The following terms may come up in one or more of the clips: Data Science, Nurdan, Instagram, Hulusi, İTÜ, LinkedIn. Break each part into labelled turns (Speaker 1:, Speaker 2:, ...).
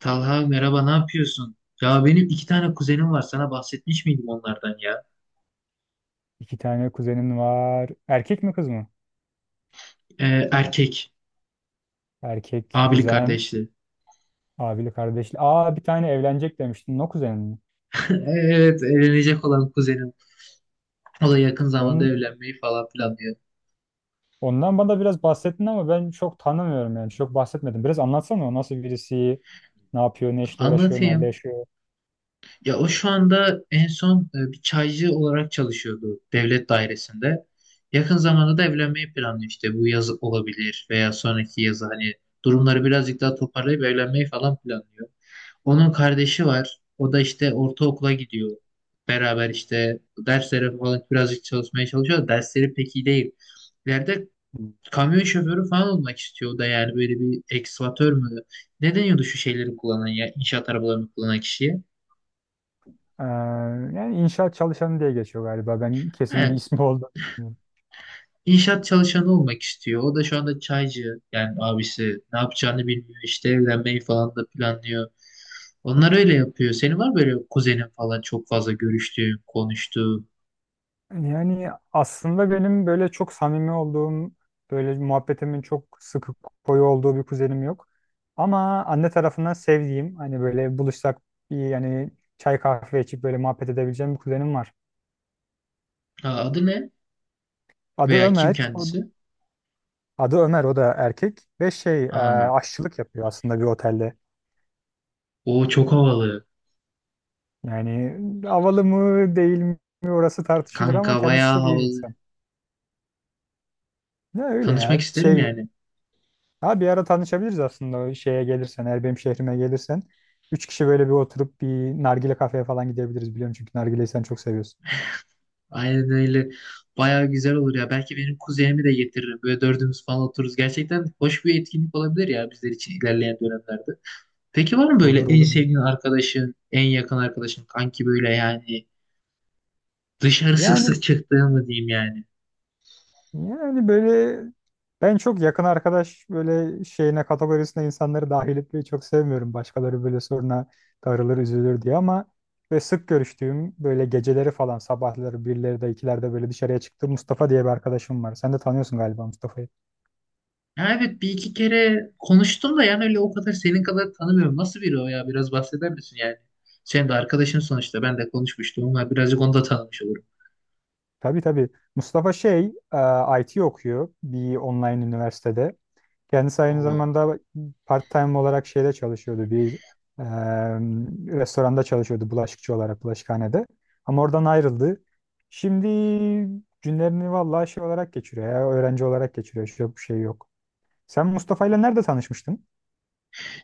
Speaker 1: Talha merhaba, ne yapıyorsun? Ya benim iki tane kuzenim var. Sana bahsetmiş miydim onlardan ya?
Speaker 2: İki tane kuzenin var. Erkek mi kız mı?
Speaker 1: Erkek.
Speaker 2: Erkek
Speaker 1: Abili
Speaker 2: kuzen.
Speaker 1: kardeşli.
Speaker 2: Abili kardeşli. Aa, bir tane evlenecek demiştin. O kuzenin mi?
Speaker 1: Evet, evlenecek olan kuzenim. O da yakın zamanda
Speaker 2: Onun,
Speaker 1: evlenmeyi falan planlıyor.
Speaker 2: ondan bana biraz bahsettin ama ben çok tanımıyorum yani. Çok bahsetmedim. Biraz anlatsana, o nasıl birisi, ne yapıyor, ne işle uğraşıyor, nerede
Speaker 1: Anlatayım.
Speaker 2: yaşıyor.
Speaker 1: Ya o şu anda en son bir çaycı olarak çalışıyordu devlet dairesinde. Yakın zamanda da evlenmeyi planlıyor işte. Bu yaz olabilir veya sonraki yaz, hani durumları birazcık daha toparlayıp evlenmeyi falan planlıyor. Onun kardeşi var. O da işte ortaokula gidiyor. Beraber işte derslere falan birazcık çalışmaya çalışıyor. Dersleri pek iyi değil. İleride kamyon şoförü falan olmak istiyor. O da yani böyle bir ekskavatör mü? Ne deniyordu şu şeyleri kullanan ya? İnşaat arabalarını kullanan kişiye.
Speaker 2: Ee, Yani inşaat çalışanı diye geçiyor galiba. Ben
Speaker 1: He,
Speaker 2: kesin bir ismi oldu.
Speaker 1: inşaat çalışanı olmak istiyor. O da şu anda çaycı. Yani abisi ne yapacağını bilmiyor. İşte evlenmeyi falan da planlıyor. Onlar öyle yapıyor. Senin var mı böyle kuzenin falan çok fazla görüştüğün, konuştuğun?
Speaker 2: Yani aslında benim böyle çok samimi olduğum, böyle muhabbetimin çok sıkı koyu olduğu bir kuzenim yok. Ama anne tarafından sevdiğim, hani böyle buluşsak bir yani çay kahve içip böyle muhabbet edebileceğim bir kuzenim var.
Speaker 1: Ha, adı ne?
Speaker 2: Adı
Speaker 1: Veya kim
Speaker 2: Ömer,
Speaker 1: kendisi?
Speaker 2: adı Ömer, o da erkek ve şey
Speaker 1: Aa,
Speaker 2: aşçılık yapıyor aslında bir otelde.
Speaker 1: o çok havalı.
Speaker 2: Yani havalı mı değil mi orası tartışılır ama
Speaker 1: Kanka
Speaker 2: kendisi
Speaker 1: bayağı
Speaker 2: çok iyi bir
Speaker 1: havalı.
Speaker 2: insan. Ne öyle
Speaker 1: Tanışmak
Speaker 2: ya
Speaker 1: isterim
Speaker 2: şey.
Speaker 1: yani.
Speaker 2: Ha, bir ara tanışabiliriz aslında, o şeye gelirsen, eğer benim şehrime gelirsen. Üç kişi böyle bir oturup bir nargile kafeye falan gidebiliriz, biliyorum çünkü nargileyi sen çok seviyorsun.
Speaker 1: Aynen öyle. Bayağı güzel olur ya. Belki benim kuzenimi de getiririm. Böyle dördümüz falan otururuz. Gerçekten hoş bir etkinlik olabilir ya bizler için ilerleyen dönemlerde. Peki var mı böyle
Speaker 2: Olur
Speaker 1: en
Speaker 2: olur.
Speaker 1: sevdiğin arkadaşın, en yakın arkadaşın, kanki, böyle yani dışarı sık
Speaker 2: Yani
Speaker 1: sık çıktığın mı diyeyim yani?
Speaker 2: yani böyle ben çok yakın arkadaş böyle şeyine kategorisine insanları dahil etmeyi çok sevmiyorum. Başkaları böyle soruna darılır üzülür diye ama sık görüştüğüm, böyle geceleri falan sabahları birleri de ikilerde böyle dışarıya çıktığım Mustafa diye bir arkadaşım var. Sen de tanıyorsun galiba Mustafa'yı.
Speaker 1: Ya evet, bir iki kere konuştum da yani öyle o kadar senin kadar tanımıyorum. Nasıl biri o ya? Biraz bahseder misin yani? Sen de arkadaşın sonuçta. Ben de konuşmuştum. Onlar birazcık onu da tanımış olurum.
Speaker 2: Tabii tabii. Mustafa şey, IT okuyor bir online üniversitede. Kendisi aynı
Speaker 1: Hmm.
Speaker 2: zamanda part-time olarak şeyde çalışıyordu. Bir e, restoranda çalışıyordu, bulaşıkçı olarak, bulaşıkhanede. Ama oradan ayrıldı. Şimdi günlerini vallahi şey olarak geçiriyor ya, öğrenci olarak geçiriyor. Hiç yok, bir şey yok. Sen Mustafa'yla nerede tanışmıştın?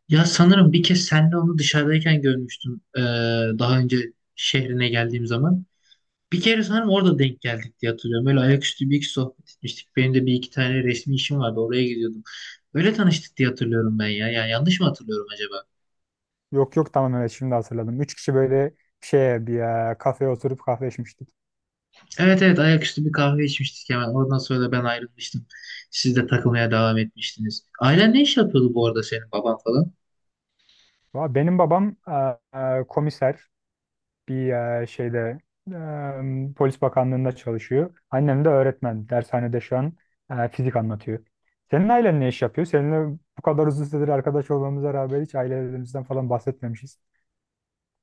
Speaker 1: Ya sanırım bir kez senle onu dışarıdayken görmüştüm. Daha önce şehrine geldiğim zaman. Bir kere sanırım orada denk geldik diye hatırlıyorum. Böyle ayaküstü bir iki sohbet etmiştik. Benim de bir iki tane resmi işim vardı. Oraya gidiyordum. Öyle tanıştık diye hatırlıyorum ben ya. Ya yanlış mı hatırlıyorum acaba?
Speaker 2: Yok yok, tamam, evet, şimdi hatırladım. Üç kişi böyle şeye bir kafeye oturup kahve içmiştik.
Speaker 1: Evet evet, ayaküstü bir kahve içmiştik hemen. Ondan sonra da ben ayrılmıştım. Siz de takılmaya devam etmiştiniz. Ailen ne iş yapıyordu bu arada, senin baban falan?
Speaker 2: Benim babam komiser. Bir şeyde Polis Bakanlığı'nda çalışıyor. Annem de öğretmen. Dershanede şu an fizik anlatıyor. Senin ailen ne iş yapıyor? Seninle bu kadar uzun süredir arkadaş olmamıza rağmen hiç ailelerimizden falan bahsetmemişiz.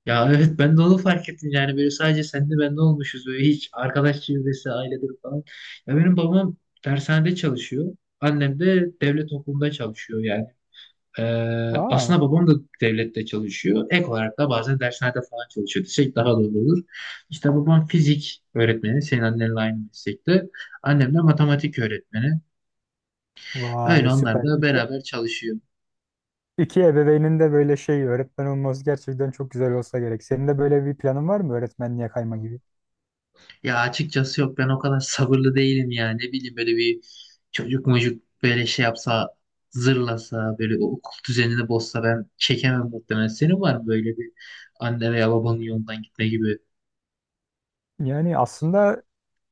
Speaker 1: Ya evet, ben de onu fark ettim yani, böyle sadece sen de ben de olmuşuz böyle, hiç arkadaş çevresi ailedir falan. Ya benim babam dershanede çalışıyor. Annem de devlet okulunda çalışıyor yani. Ee,
Speaker 2: Aa,
Speaker 1: Aslında babam da devlette çalışıyor. Ek olarak da bazen dershanede falan çalışıyor desek daha doğru olur. İşte babam fizik öğretmeni, senin annenle aynı meslekte. Annem de matematik öğretmeni. Öyle,
Speaker 2: vay,
Speaker 1: onlar
Speaker 2: süper.
Speaker 1: da
Speaker 2: İki,
Speaker 1: beraber çalışıyor.
Speaker 2: iki ebeveynin de böyle şey öğretmen olması gerçekten çok güzel olsa gerek. Senin de böyle bir planın var mı, öğretmenliğe kayma gibi?
Speaker 1: Ya açıkçası yok, ben o kadar sabırlı değilim yani. Ne bileyim, böyle bir çocuk mucuk böyle şey yapsa, zırlasa, böyle o okul düzenini bozsa ben çekemem muhtemelen. Senin var mı böyle bir anne veya babanın yolundan gitme gibi?
Speaker 2: Yani aslında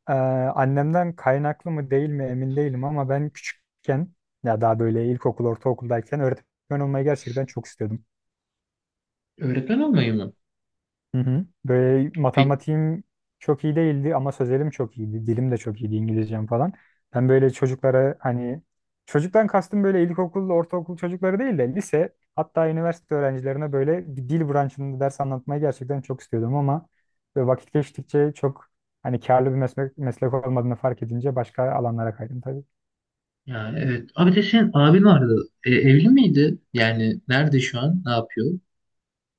Speaker 2: Ee, annemden kaynaklı mı değil mi emin değilim ama ben küçükken, ya daha böyle ilkokul, ortaokuldayken öğretmen olmayı gerçekten çok istiyordum.
Speaker 1: Öğretmen olmayı mı?
Speaker 2: Hı hı. Böyle
Speaker 1: Pek
Speaker 2: matematiğim çok iyi değildi ama sözelim çok iyiydi. Dilim de çok iyiydi, İngilizcem falan. Ben böyle çocuklara, hani çocuktan kastım böyle ilkokul, ortaokul çocukları değil de lise hatta üniversite öğrencilerine böyle bir dil branşında ders anlatmayı gerçekten çok istiyordum ama böyle vakit geçtikçe çok hani karlı bir meslek, meslek olmadığını fark edince başka alanlara kaydım.
Speaker 1: ya evet. Abi de, senin abin vardı. E, evli miydi? Yani nerede şu an? Ne yapıyor?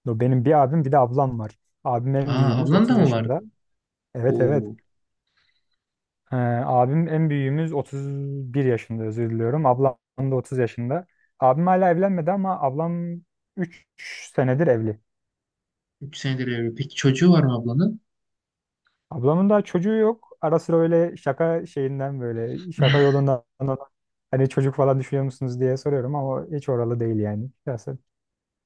Speaker 2: Yo, benim bir abim bir de ablam var. Abim en
Speaker 1: Aa,
Speaker 2: büyüğümüz,
Speaker 1: ablan da
Speaker 2: 30
Speaker 1: mı vardı?
Speaker 2: yaşında. Evet evet.
Speaker 1: Oo,
Speaker 2: Ee, Abim en büyüğümüz 31 yaşında, özür diliyorum. Ablam da 30 yaşında. Abim hala evlenmedi ama ablam 3 senedir evli.
Speaker 1: üç senedir evli. Peki çocuğu var mı ablanın?
Speaker 2: Ablamın da çocuğu yok. Ara sıra öyle şaka şeyinden, böyle şaka yolundan ona, hani çocuk falan düşünüyor musunuz diye soruyorum ama hiç oralı değil yani. Biraz.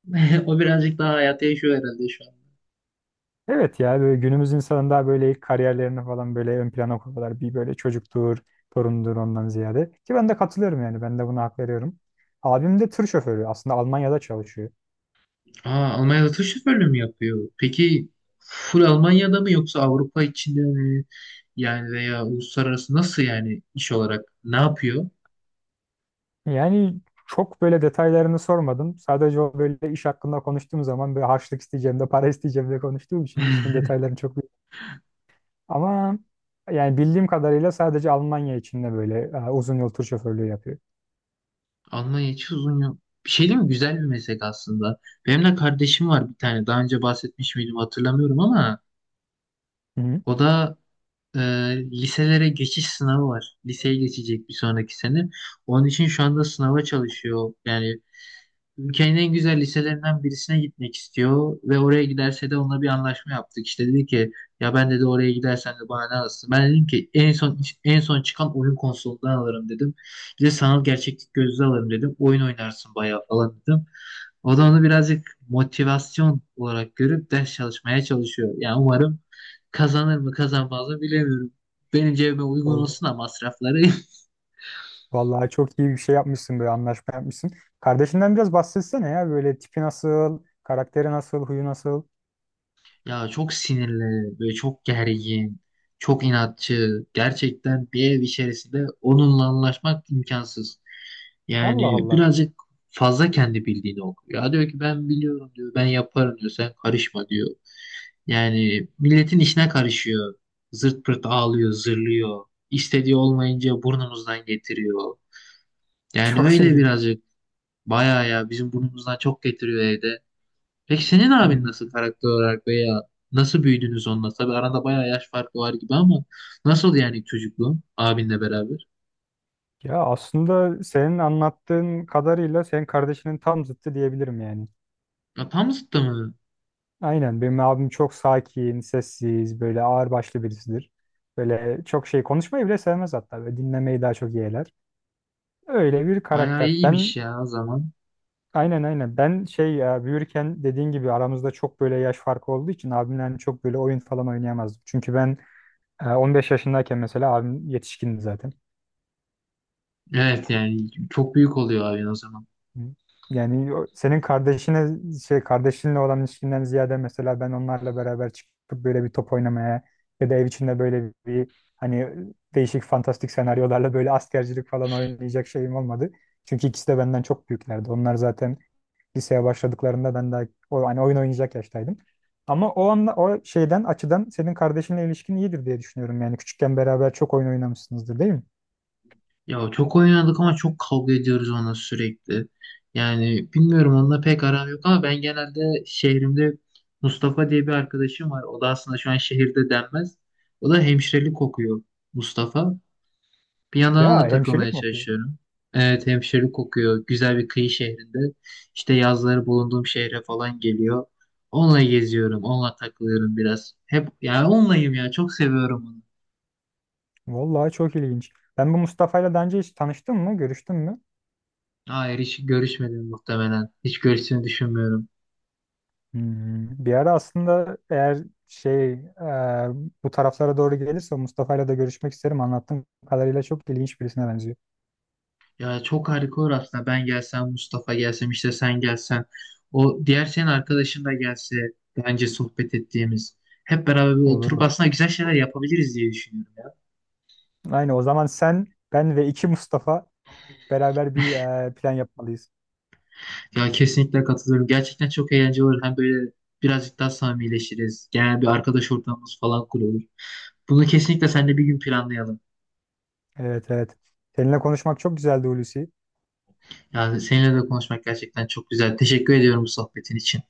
Speaker 1: O birazcık daha hayata yaşıyor herhalde şu an.
Speaker 2: Evet ya, böyle günümüz insanında böyle ilk kariyerlerini falan böyle ön plana koyuyorlar. Bir böyle çocuktur, torundur ondan ziyade. Ki ben de katılıyorum yani, ben de buna hak veriyorum. Abim de tır şoförü aslında, Almanya'da çalışıyor.
Speaker 1: Aa, Almanya'da tır şoförlüğü mü yapıyor? Peki full Almanya'da mı, yoksa Avrupa içinde mi? Yani veya uluslararası, nasıl yani iş olarak ne yapıyor?
Speaker 2: Yani çok böyle detaylarını sormadım. Sadece o böyle iş hakkında konuştuğum zaman böyle harçlık isteyeceğim de para isteyeceğim de konuştuğum için işin detaylarını çok ama yani bildiğim kadarıyla sadece Almanya içinde böyle uzun yol tur şoförlüğü yapıyor.
Speaker 1: Almanya hiç uzun yok. Bir şey değil mi? Güzel bir meslek aslında. Benim de kardeşim var bir tane. Daha önce bahsetmiş miydim hatırlamıyorum ama
Speaker 2: Hı
Speaker 1: o da e, liselere geçiş sınavı var. Liseye geçecek bir sonraki sene. Onun için şu anda sınava çalışıyor. Yani ülkenin en güzel liselerinden birisine gitmek istiyor ve oraya giderse de onunla bir anlaşma yaptık. İşte dedi ki, ya ben dedi, oraya gidersen de bana ne alırsın? Ben dedim ki, en son, en son çıkan oyun konsolundan alırım dedim. Bir de sanal gerçeklik gözlüğü alırım dedim. Oyun oynarsın bayağı falan dedim. O da onu birazcık motivasyon olarak görüp ders çalışmaya çalışıyor. Yani umarım, kazanır mı kazanmaz mı bilemiyorum. Benim cebime uygun
Speaker 2: hı.
Speaker 1: olsun da masrafları.
Speaker 2: Vallahi çok iyi bir şey yapmışsın, böyle anlaşma yapmışsın. Kardeşinden biraz bahsetsene ya, böyle tipi nasıl, karakteri nasıl, huyu nasıl.
Speaker 1: Ya çok sinirli, böyle çok gergin, çok inatçı. Gerçekten bir ev içerisinde onunla anlaşmak imkansız.
Speaker 2: Allah
Speaker 1: Yani
Speaker 2: Allah.
Speaker 1: birazcık fazla kendi bildiğini okuyor. Ya diyor ki, ben biliyorum diyor, ben yaparım diyor, sen karışma diyor. Yani milletin işine karışıyor. Zırt pırt ağlıyor, zırlıyor. İstediği olmayınca burnumuzdan getiriyor. Yani
Speaker 2: Çok
Speaker 1: öyle
Speaker 2: ilginç.
Speaker 1: birazcık, bayağı ya, bizim burnumuzdan çok getiriyor evde. Peki senin abin
Speaker 2: Hmm.
Speaker 1: nasıl karakter olarak, veya nasıl büyüdünüz onunla? Tabii arada bayağı yaş farkı var gibi ama nasıl yani çocukluğun abinle beraber?
Speaker 2: Ya aslında senin anlattığın kadarıyla senin kardeşinin tam zıttı diyebilirim yani.
Speaker 1: Ya tam zıttı mı?
Speaker 2: Aynen, benim abim çok sakin, sessiz, böyle ağırbaşlı birisidir. Böyle çok şey konuşmayı bile sevmez hatta. Böyle dinlemeyi daha çok yeğler. Öyle bir
Speaker 1: Bayağı
Speaker 2: karakter.
Speaker 1: iyiymiş
Speaker 2: Ben.
Speaker 1: ya o zaman.
Speaker 2: Aynen aynen. Ben şey, ya büyürken dediğin gibi aramızda çok böyle yaş farkı olduğu için abimle hani çok böyle oyun falan oynayamazdım. Çünkü ben 15 yaşındayken mesela abim yetişkindi zaten.
Speaker 1: Evet, yani çok büyük oluyor abin o zaman.
Speaker 2: Hı. Yani senin kardeşine şey, kardeşinle olan ilişkinden ziyade mesela ben onlarla beraber çıkıp böyle bir top oynamaya ya da ev içinde böyle bir hani değişik fantastik senaryolarla böyle askercilik falan oynayacak şeyim olmadı. Çünkü ikisi de benden çok büyüklerdi. Onlar zaten liseye başladıklarında ben daha hani oyun oynayacak yaştaydım. Ama o anla o şeyden açıdan senin kardeşinle ilişkin iyidir diye düşünüyorum. Yani küçükken beraber çok oyun oynamışsınızdır değil mi?
Speaker 1: Ya çok oynadık ama çok kavga ediyoruz onunla sürekli. Yani bilmiyorum, onunla pek aram yok ama ben genelde şehrimde Mustafa diye bir arkadaşım var. O da aslında şu an şehirde denmez. O da hemşirelik okuyor, Mustafa. Bir yandan ona
Speaker 2: Ya
Speaker 1: da takılmaya
Speaker 2: hemşirelik mi okuyor?
Speaker 1: çalışıyorum. Evet, hemşirelik kokuyor. Güzel bir kıyı şehrinde. İşte yazları bulunduğum şehre falan geliyor. Onunla geziyorum. Onunla takılıyorum biraz. Hep yani onlayım ya. Çok seviyorum onu.
Speaker 2: Vallahi çok ilginç. Ben bu Mustafa'yla daha önce hiç tanıştın mı? Görüştün mü?
Speaker 1: Hayır, hiç görüşmedim muhtemelen. Hiç görüşsünü düşünmüyorum.
Speaker 2: Hmm, bir ara aslında eğer şey bu taraflara doğru gelirse Mustafa'yla da görüşmek isterim. Anlattığım kadarıyla çok ilginç birisine benziyor.
Speaker 1: Ya çok harika olur aslında. Ben gelsem, Mustafa gelsem, işte sen gelsen. O diğer senin arkadaşın da gelse. Bence sohbet ettiğimiz. Hep beraber bir
Speaker 2: Olur
Speaker 1: oturup
Speaker 2: olur.
Speaker 1: aslında güzel şeyler yapabiliriz diye düşünüyorum.
Speaker 2: Aynı o zaman sen, ben ve iki Mustafa beraber bir plan yapmalıyız.
Speaker 1: Ya kesinlikle katılıyorum. Gerçekten çok eğlenceli olur. Hem böyle birazcık daha samimileşiriz. Genel bir arkadaş ortamımız falan kurulur. Bunu kesinlikle seninle bir gün planlayalım.
Speaker 2: Evet evet. Seninle konuşmak çok güzeldi, Hulusi.
Speaker 1: Yani seninle de konuşmak gerçekten çok güzel. Teşekkür ediyorum bu sohbetin için.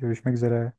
Speaker 2: Görüşmek üzere.